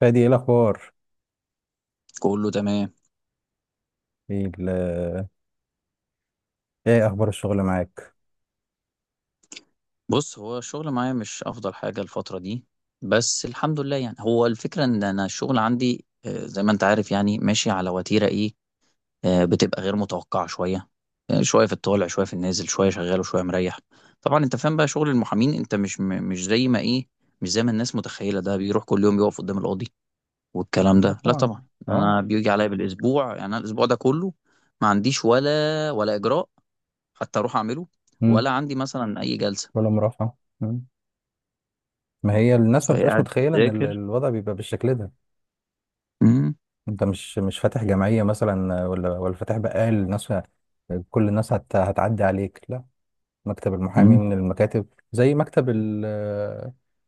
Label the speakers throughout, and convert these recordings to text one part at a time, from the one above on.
Speaker 1: فادي، ايه الاخبار؟
Speaker 2: كله تمام.
Speaker 1: ايه ال- ايه اخبار الشغل معاك؟
Speaker 2: بص، هو الشغل معايا مش افضل حاجة الفترة دي. بس الحمد لله، يعني هو الفكرة ان انا الشغل عندي زي ما انت عارف، يعني ماشي على وتيرة ايه. بتبقى غير متوقعة شوية. شوية في الطالع شوية في النازل شوية شغال وشوية مريح. طبعا انت فاهم بقى شغل المحامين، انت مش مش زي ما ايه، مش زي ما الناس متخيلة ده بيروح كل يوم يقف قدام القاضي والكلام
Speaker 1: لا
Speaker 2: ده، لا
Speaker 1: طبعا.
Speaker 2: طبعا.
Speaker 1: اه.
Speaker 2: انا بيجي عليا بالاسبوع، يعني انا الاسبوع ده كله ما عنديش ولا اجراء حتى اروح اعمله،
Speaker 1: امم.
Speaker 2: ولا عندي مثلا اي جلسة.
Speaker 1: ولا مرافعه، مم. ما هي الناس ما
Speaker 2: فهي
Speaker 1: بتبقاش
Speaker 2: قاعد
Speaker 1: متخيله ان
Speaker 2: بتذاكر.
Speaker 1: الوضع بيبقى بالشكل ده.
Speaker 2: مم.
Speaker 1: انت مش فاتح جمعيه مثلا، ولا فاتح بقال الناس. كل الناس هتعدي عليك، لا. مكتب المحامي
Speaker 2: مم.
Speaker 1: من المكاتب زي مكتب ال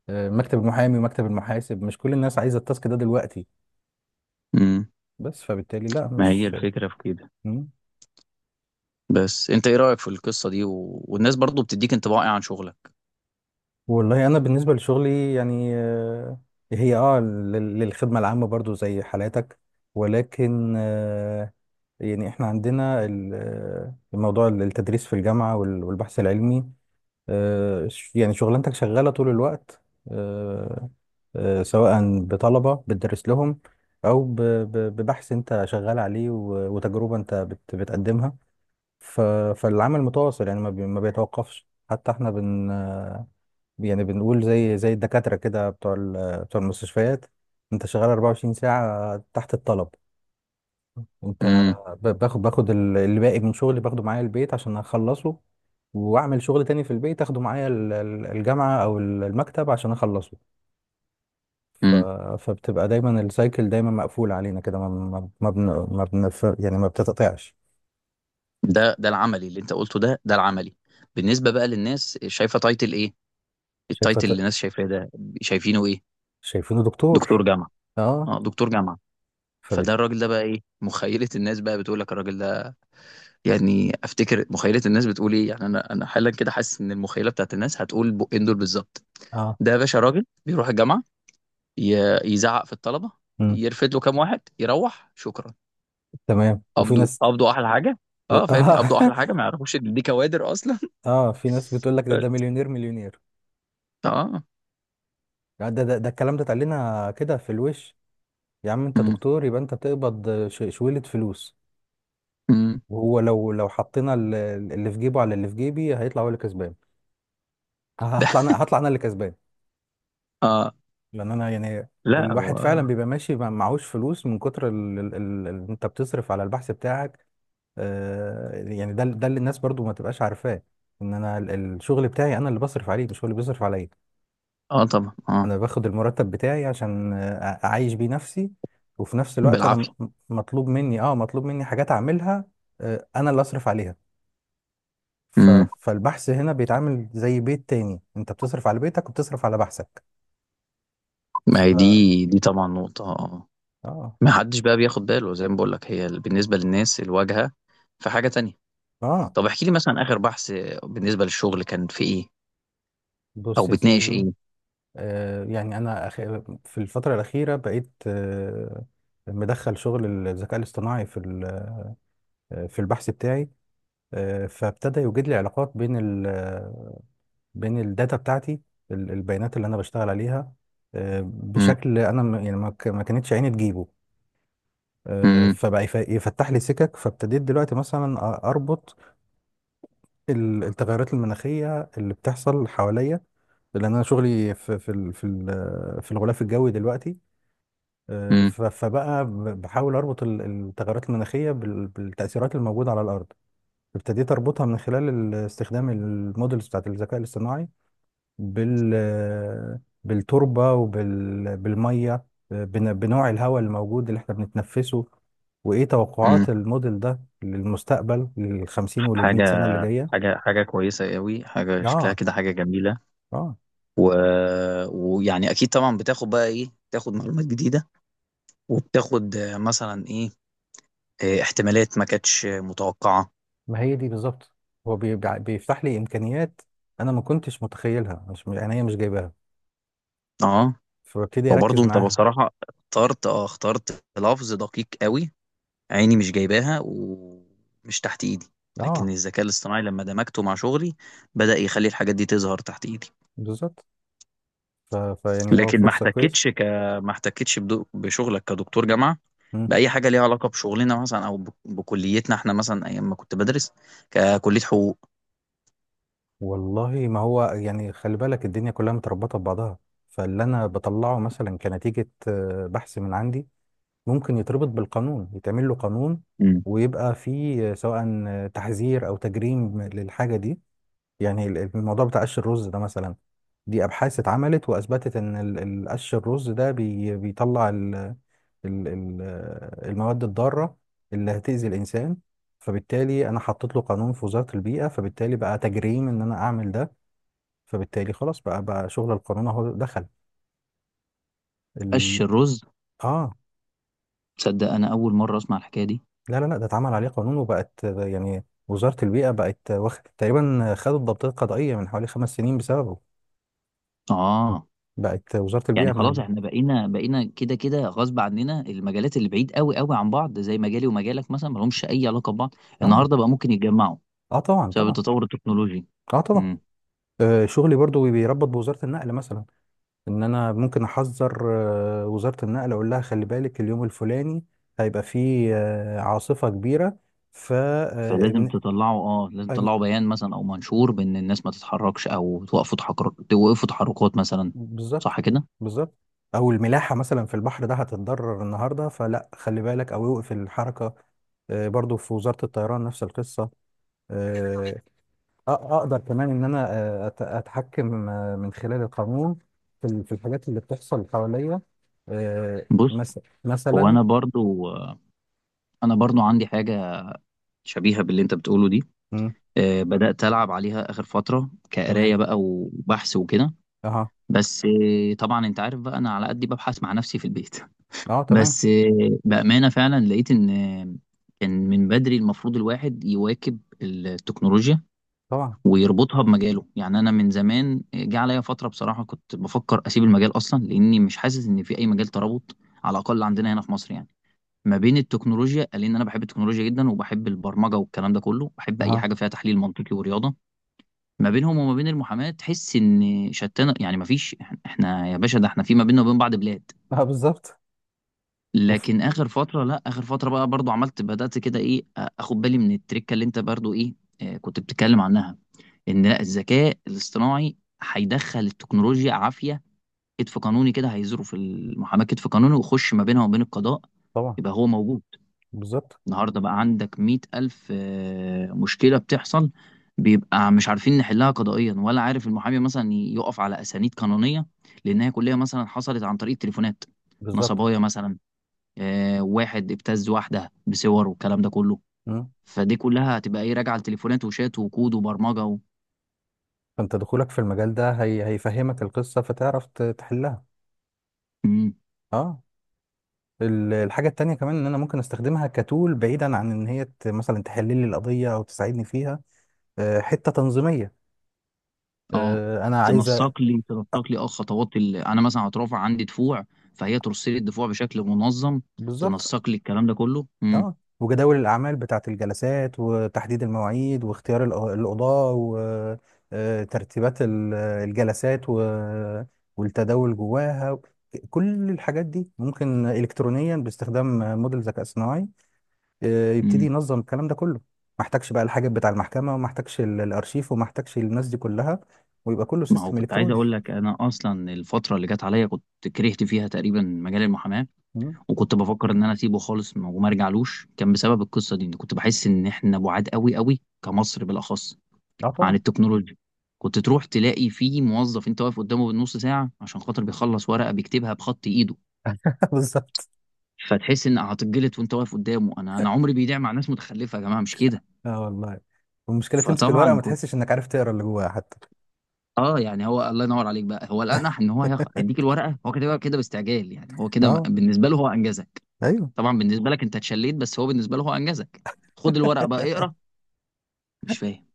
Speaker 1: آه، مكتب المحامي ومكتب المحاسب مش كل الناس عايزه التاسك ده دلوقتي.
Speaker 2: مم.
Speaker 1: بس فبالتالي لا،
Speaker 2: ما هي
Speaker 1: مش.
Speaker 2: الفكرة في كده.
Speaker 1: مم.
Speaker 2: بس انت ايه رأيك في القصة دي والناس برضو بتديك انطباع ايه عن شغلك؟
Speaker 1: والله انا بالنسبه لشغلي يعني، هي للخدمه العامه برضو زي حالاتك، ولكن، يعني احنا عندنا الموضوع التدريس في الجامعه والبحث العلمي. يعني شغلانتك شغاله طول الوقت. آه، سواء بطلبه بتدرس لهم، او ببحث انت شغال عليه و وتجربه انت بتقدمها. ف- فالعمل متواصل يعني ما بيتوقفش، حتى احنا يعني بنقول زي الدكاترة كده، بتوع المستشفيات. انت شغال 24 ساعة تحت الطلب. انت
Speaker 2: مم.
Speaker 1: باخد اللي باقي من شغلي باخده معايا البيت عشان اخلصه، واعمل شغل تاني في البيت، اخده معايا الجامعة او المكتب عشان اخلصه. ف...
Speaker 2: مم.
Speaker 1: فبتبقى دايما السايكل دايما مقفول علينا كده، ما ما ما, يعني ما بتتقطعش.
Speaker 2: ده العملي اللي انت قلته، ده العملي. بالنسبة بقى للناس، شايفة تايتل ايه؟
Speaker 1: شايفه.
Speaker 2: التايتل اللي الناس شايفاه ده، شايفينه ايه؟
Speaker 1: شايفينه
Speaker 2: دكتور
Speaker 1: دكتور.
Speaker 2: جامعة.
Speaker 1: اه.
Speaker 2: اه دكتور جامعة.
Speaker 1: فبت
Speaker 2: فده الراجل ده بقى ايه، مخيلة الناس بقى بتقول لك الراجل ده، يعني افتكر مخيلة الناس بتقول ايه، يعني انا حالا كده حاسس ان المخيلة بتاعت الناس هتقول بقين دول بالظبط.
Speaker 1: اه.
Speaker 2: ده يا باشا راجل بيروح الجامعة، يزعق في الطلبه،
Speaker 1: مم.
Speaker 2: يرفد له كام واحد يروح شكرا.
Speaker 1: تمام، وفي
Speaker 2: قبضوا
Speaker 1: ناس
Speaker 2: قبضوا احلى حاجه. اه فاهمني،
Speaker 1: اه
Speaker 2: قبضوا احلى حاجه، ما يعرفوش ان دي كوادر اصلا
Speaker 1: اه، في ناس بتقول لك ده
Speaker 2: بس.
Speaker 1: مليونير مليونير.
Speaker 2: اه.
Speaker 1: يعني ده الكلام ده اتقالنا كده في الوش. يا عم انت
Speaker 2: امم.
Speaker 1: دكتور، يبقى انت بتقبض شويلة فلوس.
Speaker 2: امم.
Speaker 1: وهو لو حطينا اللي في جيبه على اللي في جيبي، هيطلع هو اللي كسبان. ه-
Speaker 2: ده.
Speaker 1: هطلع انا هطلع انا اللي كسبان.
Speaker 2: اه.
Speaker 1: لان انا يعني،
Speaker 2: لا هو.
Speaker 1: الواحد فعلا بيبقى ماشي معهوش فلوس من كتر اللي انت بتصرف على البحث بتاعك. يعني ده اللي الناس برضو ما تبقاش عارفاه، ان انا الشغل بتاعي انا اللي بصرف عليه، مش هو اللي بيصرف عليا.
Speaker 2: اه طبعا اه.
Speaker 1: انا باخد المرتب بتاعي عشان اعيش بيه نفسي، وفي نفس الوقت انا
Speaker 2: بالعافيه.
Speaker 1: مطلوب مني حاجات اعملها. انا اللي اصرف عليها. ف-
Speaker 2: امم.
Speaker 1: فالبحث هنا بيتعامل زي بيت تاني، انت بتصرف على بيتك وبتصرف على بحثك.
Speaker 2: ما
Speaker 1: ف
Speaker 2: هي دي طبعا نقطه، اه.
Speaker 1: اه.
Speaker 2: ما حدش بقى بياخد باله، زي ما بقول لك، هي بالنسبه للناس الواجهه. في حاجه تانية؟
Speaker 1: اه.
Speaker 2: طب احكي لي مثلا، اخر بحث بالنسبه للشغل كان في ايه، او
Speaker 1: بص يا
Speaker 2: بتناقش
Speaker 1: سيدي.
Speaker 2: ايه؟
Speaker 1: يعني انا، في الفترة الأخيرة بقيت، مدخل شغل الذكاء الاصطناعي في البحث بتاعي. فابتدى يوجد لي علاقات بين الداتا بتاعتي، البيانات اللي انا بشتغل عليها،
Speaker 2: امم.
Speaker 1: بشكل انا يعني ما كانتش عيني تجيبه.
Speaker 2: امم.
Speaker 1: فبقى يفتح لي سكك، فابتديت دلوقتي مثلا اربط التغيرات المناخيه اللي بتحصل حواليا، لان انا شغلي في الغلاف الجوي دلوقتي.
Speaker 2: امم.
Speaker 1: فبقى بحاول اربط التغيرات المناخيه بالتاثيرات الموجوده على الارض. ابتديت اربطها من خلال استخدام المودلز بتاعت الذكاء الاصطناعي، بال بالتربة وبالمية، بنوع الهواء الموجود اللي احنا بنتنفسه، وإيه
Speaker 2: امم.
Speaker 1: توقعات الموديل ده للمستقبل، للخمسين وللمية سنة
Speaker 2: حاجه.
Speaker 1: اللي جاية؟
Speaker 2: حاجة كويسة قوي، حاجة شكلها
Speaker 1: آه
Speaker 2: كده حاجة جميلة.
Speaker 1: آه
Speaker 2: و... ويعني أكيد طبعا بتاخد بقى إيه، بتاخد معلومات جديدة، وبتاخد مثلا إيه، احتمالات ما كانتش متوقعة.
Speaker 1: ما هي دي بالظبط. هو بيفتح لي إمكانيات أنا ما كنتش متخيلها، مش يعني هي مش جايباها.
Speaker 2: أه.
Speaker 1: فببتدي
Speaker 2: وبرضه
Speaker 1: أركز
Speaker 2: أنت
Speaker 1: معاها.
Speaker 2: بصراحة اخترت اخترت لفظ دقيق قوي، عيني مش جايباها ومش تحت إيدي، لكن
Speaker 1: آه،
Speaker 2: الذكاء الاصطناعي لما دمجته مع شغلي بدأ يخلي الحاجات دي تظهر تحت إيدي.
Speaker 1: بالظبط. فيعني هو
Speaker 2: لكن
Speaker 1: فرصة كويسة.
Speaker 2: ما احتكتش بشغلك كدكتور جامعة بأي حاجة ليها علاقة بشغلنا، مثلا أو بكليتنا إحنا، مثلا أيام ما كنت بدرس ككلية حقوق.
Speaker 1: والله، ما هو يعني، خلي بالك الدنيا كلها متربطة ببعضها. فاللي أنا بطلعه مثلا كنتيجة بحث من عندي، ممكن يتربط بالقانون، يتعمل له قانون،
Speaker 2: مم.
Speaker 1: ويبقى فيه سواء تحذير أو تجريم للحاجة دي. يعني الموضوع بتاع قش الرز ده مثلا، دي أبحاث اتعملت وأثبتت إن قش الرز ده بيطلع ال- ال- المواد الضارة اللي هتأذي الإنسان. فبالتالي أنا حطيت له قانون في وزارة البيئة، فبالتالي بقى تجريم إن أنا أعمل ده. فبالتالي خلاص بقى شغل القانون اهو دخل
Speaker 2: قش
Speaker 1: ال...
Speaker 2: الرز.
Speaker 1: اه.
Speaker 2: تصدق انا اول مره اسمع الحكايه دي.
Speaker 1: لا لا لا، ده اتعمل عليه قانون، وبقت يعني وزارة البيئة بقت واخد تقريبا، خدوا الضبطية القضائية من حوالي 5 سنين بسببه.
Speaker 2: اه.
Speaker 1: بقت وزارة البيئة
Speaker 2: يعني خلاص احنا بقينا كده كده غصب عننا، المجالات اللي بعيد قوي قوي عن بعض، زي مجالي ومجالك مثلا ملهمش اي علاقه ببعض.
Speaker 1: اه.
Speaker 2: النهارده بقى ممكن يتجمعوا
Speaker 1: اه طبعا
Speaker 2: بسبب
Speaker 1: طبعا.
Speaker 2: التطور التكنولوجي.
Speaker 1: اه طبعا.
Speaker 2: امم.
Speaker 1: شغلي برضو بيربط بوزارة النقل مثلا، ان انا ممكن احذر وزارة النقل، اقول لها خلي بالك اليوم الفلاني هيبقى فيه عاصفة كبيرة. ف
Speaker 2: فلازم تطلعوا اه لازم تطلعوا بيان مثلا او منشور بان الناس ما تتحركش، او توقفوا تحرك توقفوا تحركات مثلا.
Speaker 1: بالظبط.
Speaker 2: صح كده؟
Speaker 1: بالظبط. او الملاحه مثلا في البحر، ده هتتضرر النهارده، فلا خلي بالك، او يوقف الحركه. برضو في وزاره الطيران نفس القصه. آه، اقدر كمان ان انا، اتحكم من خلال القانون في الحاجات اللي بتحصل حواليا،
Speaker 2: بص، هو
Speaker 1: مثلا.
Speaker 2: انا برضو عندي حاجه شبيهه باللي انت بتقوله دي.
Speaker 1: مم.
Speaker 2: بدات العب عليها اخر فتره
Speaker 1: تمام.
Speaker 2: كقرايه بقى وبحث وكده.
Speaker 1: اها.
Speaker 2: بس طبعا انت عارف بقى انا على قد ببحث مع نفسي في البيت
Speaker 1: اه، تمام.
Speaker 2: بس بامانه فعلا لقيت ان كان من بدري المفروض الواحد يواكب التكنولوجيا
Speaker 1: طبعا.
Speaker 2: ويربطها بمجاله. يعني انا من زمان جه عليا فتره بصراحه كنت بفكر اسيب المجال اصلا، لاني مش حاسس ان في اي مجال ترابط، على الاقل عندنا هنا في مصر يعني، ما بين التكنولوجيا، لان انا بحب التكنولوجيا جدا وبحب البرمجه والكلام ده كله، بحب اي
Speaker 1: اها.
Speaker 2: حاجه فيها تحليل منطقي ورياضه، ما بينهم وما بين المحاماه تحس ان شتان، يعني ما فيش. احنا يا باشا، ده احنا في ما بيننا وبين بعض بلاد.
Speaker 1: اه، بالظبط. اوف.
Speaker 2: لكن اخر فتره، لا اخر فتره بقى برضو عملت بدات كده ايه، اخد بالي من التركه اللي انت برضو ايه كنت بتتكلم عنها، ان لا الذكاء الاصطناعي هيدخل التكنولوجيا عافيه، كتف قانوني كده هيزروا في المحاماه كتف قانوني ويخش ما بينها وبين القضاء.
Speaker 1: طبعا.
Speaker 2: يبقى هو موجود.
Speaker 1: بالظبط.
Speaker 2: النهارده بقى عندك 100,000 مشكلة بتحصل، بيبقى مش عارفين نحلها قضائيا، ولا عارف المحامي مثلا يقف على أسانيد قانونية لأنها كلها مثلا حصلت عن طريق التليفونات،
Speaker 1: بالظبط.
Speaker 2: نصبايا مثلا، واحد ابتز واحدة بصور والكلام ده كله.
Speaker 1: مم.
Speaker 2: فدي كلها هتبقى ايه راجعة لتليفونات وشات وكود وبرمجة
Speaker 1: فانت دخولك في المجال ده هيفهمك القصه، فتعرف تحلها.
Speaker 2: مم.
Speaker 1: اه. الحاجة التانية كمان ان انا ممكن استخدمها كتول، بعيدا عن ان هي مثلا تحل لي القضية او تساعدني فيها. حتة تنظيمية.
Speaker 2: اه،
Speaker 1: انا عايزة، آه،
Speaker 2: تنسق لي خطوات انا مثلا هترافع عندي دفوع، فهي ترسل لي الدفوع بشكل منظم،
Speaker 1: بالظبط.
Speaker 2: تنسق لي الكلام ده كله. مم.
Speaker 1: اه، وجداول الاعمال بتاعة الجلسات وتحديد المواعيد واختيار القضاة، وترتيبات الجلسات والتداول جواها، كل الحاجات دي ممكن الكترونيا باستخدام موديل ذكاء صناعي. يبتدي
Speaker 2: مم.
Speaker 1: ينظم الكلام ده كله. ما احتاجش بقى الحاجة بتاع المحكمة، وما احتاجش الارشيف، وما احتاجش الناس دي كلها، ويبقى كله
Speaker 2: ما هو
Speaker 1: سيستم
Speaker 2: كنت عايز
Speaker 1: الكتروني.
Speaker 2: اقول لك، انا اصلا الفتره اللي جت عليا كنت كرهت فيها تقريبا مجال المحاماه،
Speaker 1: مم.
Speaker 2: وكنت بفكر ان انا اسيبه خالص وما ارجعلوش، كان بسبب القصه دي، إن كنت بحس ان احنا بعاد قوي قوي كمصر بالاخص
Speaker 1: اه،
Speaker 2: عن
Speaker 1: طبعا.
Speaker 2: التكنولوجيا. كنت تروح تلاقي فيه موظف انت واقف قدامه بالنص ساعه عشان خاطر بيخلص ورقه بيكتبها بخط ايده،
Speaker 1: بالظبط.
Speaker 2: فتحس ان هتتجلط وانت واقف قدامه، انا عمري بيضيع مع ناس متخلفه يا جماعه، مش كده؟
Speaker 1: اه، والله. والمشكلة تمسك الورقة
Speaker 2: فطبعا
Speaker 1: ما تحسش انك عارف تقرا اللي جواها حتى.
Speaker 2: يعني هو الله ينوّر عليك بقى، هو الأنَح إن هو هيدّيك الورقة، هو كاتبها كده باستعجال، يعني هو كده
Speaker 1: اه.
Speaker 2: بالنسبة له هو أنجزك،
Speaker 1: ايوه.
Speaker 2: طبعًا بالنسبة لك أنت اتشلّيت، بس هو بالنسبة له هو أنجزك. خُد الورقة بقى اقرا، مش فاهم،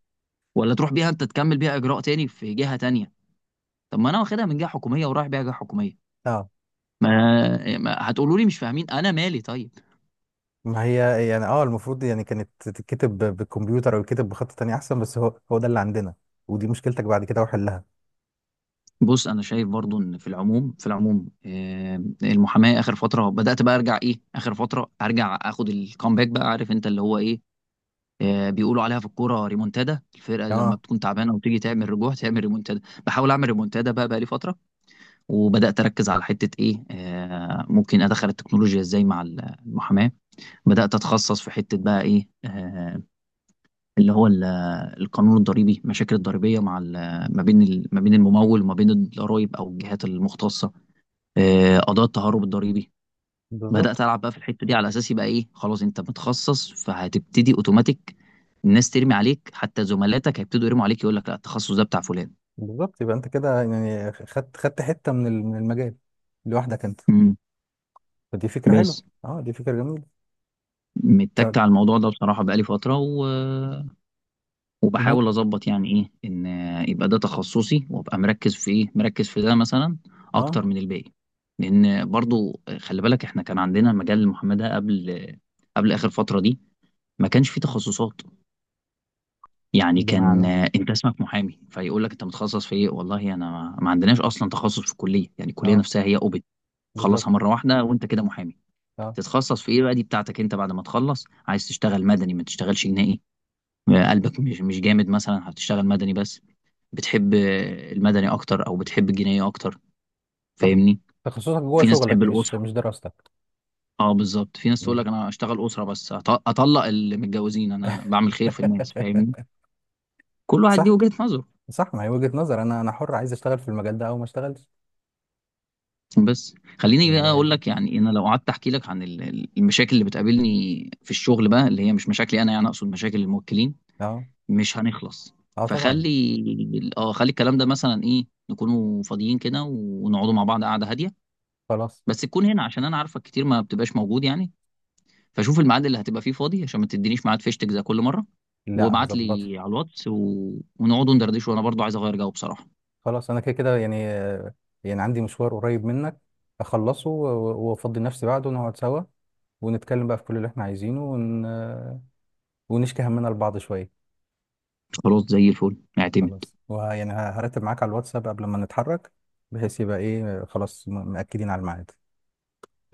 Speaker 2: والّا تروح بيها أنت تكمّل بيها إجراء تاني في جهة تانية، طَب ما أنا واخدها من جهة حكومية ورايح بيها جهة حكومية،
Speaker 1: اه.
Speaker 2: ما هتقولوا لي مش فاهمين، أنا مالي طيب؟
Speaker 1: ما هي يعني، المفروض يعني كانت تتكتب بالكمبيوتر، او يتكتب بخط تاني احسن، بس هو ده اللي عندنا، ودي مشكلتك بعد كده وحلها.
Speaker 2: بُص، أنا شايف برضه إن في العموم المحاماة آخر فترة بدأت بقى أرجع إيه، آخر فترة آخُد الcomeback بقى، عارف أنت اللي هو إيه، بيقولوا عليها في الكوره ريمونتادا، الفرقه اللي لما
Speaker 1: اه،
Speaker 2: بتكون تعبانه وتيجي تعمل رجوع تعمل ريمونتادا. بحاول اعمل ريمونتادا بقى لي فتره، وبدات اركز على حته ايه ممكن ادخل التكنولوجيا ازاي مع المحاماه، بدات اتخصص في حته بقى ايه اللي هو القانون الضريبي، المشاكل الضريبيه مع ما بين الممول وما بين الضرائب او الجهات المختصه، قضايا التهرب الضريبي.
Speaker 1: بالظبط،
Speaker 2: بدأت ألعب بقى في الحتة دي على أساس يبقى إيه، خلاص أنت متخصص فهتبتدي أوتوماتيك الناس ترمي عليك، حتى زملاتك هيبتدوا يرموا عليك يقول لك لا التخصص ده بتاع فلان.
Speaker 1: بالظبط. يبقى انت كده يعني خدت حتة من من المجال لوحدك انت.
Speaker 2: امم.
Speaker 1: فدي فكرة حلوة،
Speaker 2: بس
Speaker 1: اه، دي فكرة جميلة.
Speaker 2: متك
Speaker 1: ك...
Speaker 2: على الموضوع ده بصراحة بقالي فترة
Speaker 1: مو-
Speaker 2: وبحاول أظبط يعني إيه إن يبقى ده تخصصي وأبقى مركز في إيه، مركز في ده مثلا
Speaker 1: اه،
Speaker 2: أكتر من الباقي. لأن برضو خلي بالك إحنا كان عندنا مجال المحاماة ده قبل، قبل آخر فترة دي، ما كانش فيه تخصصات، يعني كان
Speaker 1: بمعنى.
Speaker 2: انت اسمك محامي فيقول لك انت متخصص في ايه، والله انا ما عندناش اصلا تخصص في الكليه، يعني الكليه
Speaker 1: اه،
Speaker 2: نفسها هي اوبت تخلصها
Speaker 1: بالظبط.
Speaker 2: مره واحده وانت كده محامي.
Speaker 1: اه،
Speaker 2: تتخصص في ايه بقى دي بتاعتك انت، بعد ما تخلص عايز تشتغل مدني ما تشتغلش جنائي، قلبك مش جامد مثلا هتشتغل مدني بس، بتحب المدني اكتر او بتحب الجنائي اكتر،
Speaker 1: صح.
Speaker 2: فاهمني؟
Speaker 1: تخصصك جوه
Speaker 2: في ناس تحب
Speaker 1: شغلك مش
Speaker 2: الاسره،
Speaker 1: مش دراستك.
Speaker 2: اه بالظبط، في ناس تقول
Speaker 1: مم.
Speaker 2: لك انا اشتغل اسره بس، اطلق اللي متجوزين، انا بعمل خير في الناس، فاهمني؟ كل واحد ليه
Speaker 1: صح.
Speaker 2: وجهة نظره.
Speaker 1: صح، ما هي وجهة نظر، انا حر عايز اشتغل في المجال ده او ما اشتغلش.
Speaker 2: بس خليني بقى
Speaker 1: والله.
Speaker 2: اقول لك، يعني انا لو قعدت احكي لك عن المشاكل اللي بتقابلني في الشغل بقى، اللي هي مش مشاكلي انا، يعني اقصد مشاكل الموكلين،
Speaker 1: اه.
Speaker 2: مش هنخلص.
Speaker 1: اه، طبعا.
Speaker 2: فخلي خلي الكلام ده مثلا ايه، نكونوا فاضيين كده ونقعدوا مع بعض قعده هاديه،
Speaker 1: خلاص.
Speaker 2: بس تكون هنا عشان انا عارفك كتير ما بتبقاش موجود يعني، فشوف الميعاد اللي هتبقى فيه فاضي عشان ما تدينيش ميعاد فيشتك زي كل مره،
Speaker 1: لا،
Speaker 2: وابعت
Speaker 1: هظبطها.
Speaker 2: لي على الواتس ونقعدوا ندردش، وانا برضو عايز اغير جو بصراحه.
Speaker 1: خلاص انا كده كده يعني، يعني عندي مشوار قريب منك، اخلصه وافضي نفسي بعده ونقعد سوا، ونتكلم بقى في كل اللي احنا عايزينه، ون... آه، ونشكي همنا لبعض شوية.
Speaker 2: خلاص زي الفل اعتمد.
Speaker 1: خلاص. ويعني هرتب معاك على الواتساب قبل ما نتحرك، بحيث يبقى ايه، خلاص مأكدين على الميعاد.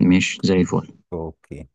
Speaker 2: ماشي زي الفل.
Speaker 1: اوكي.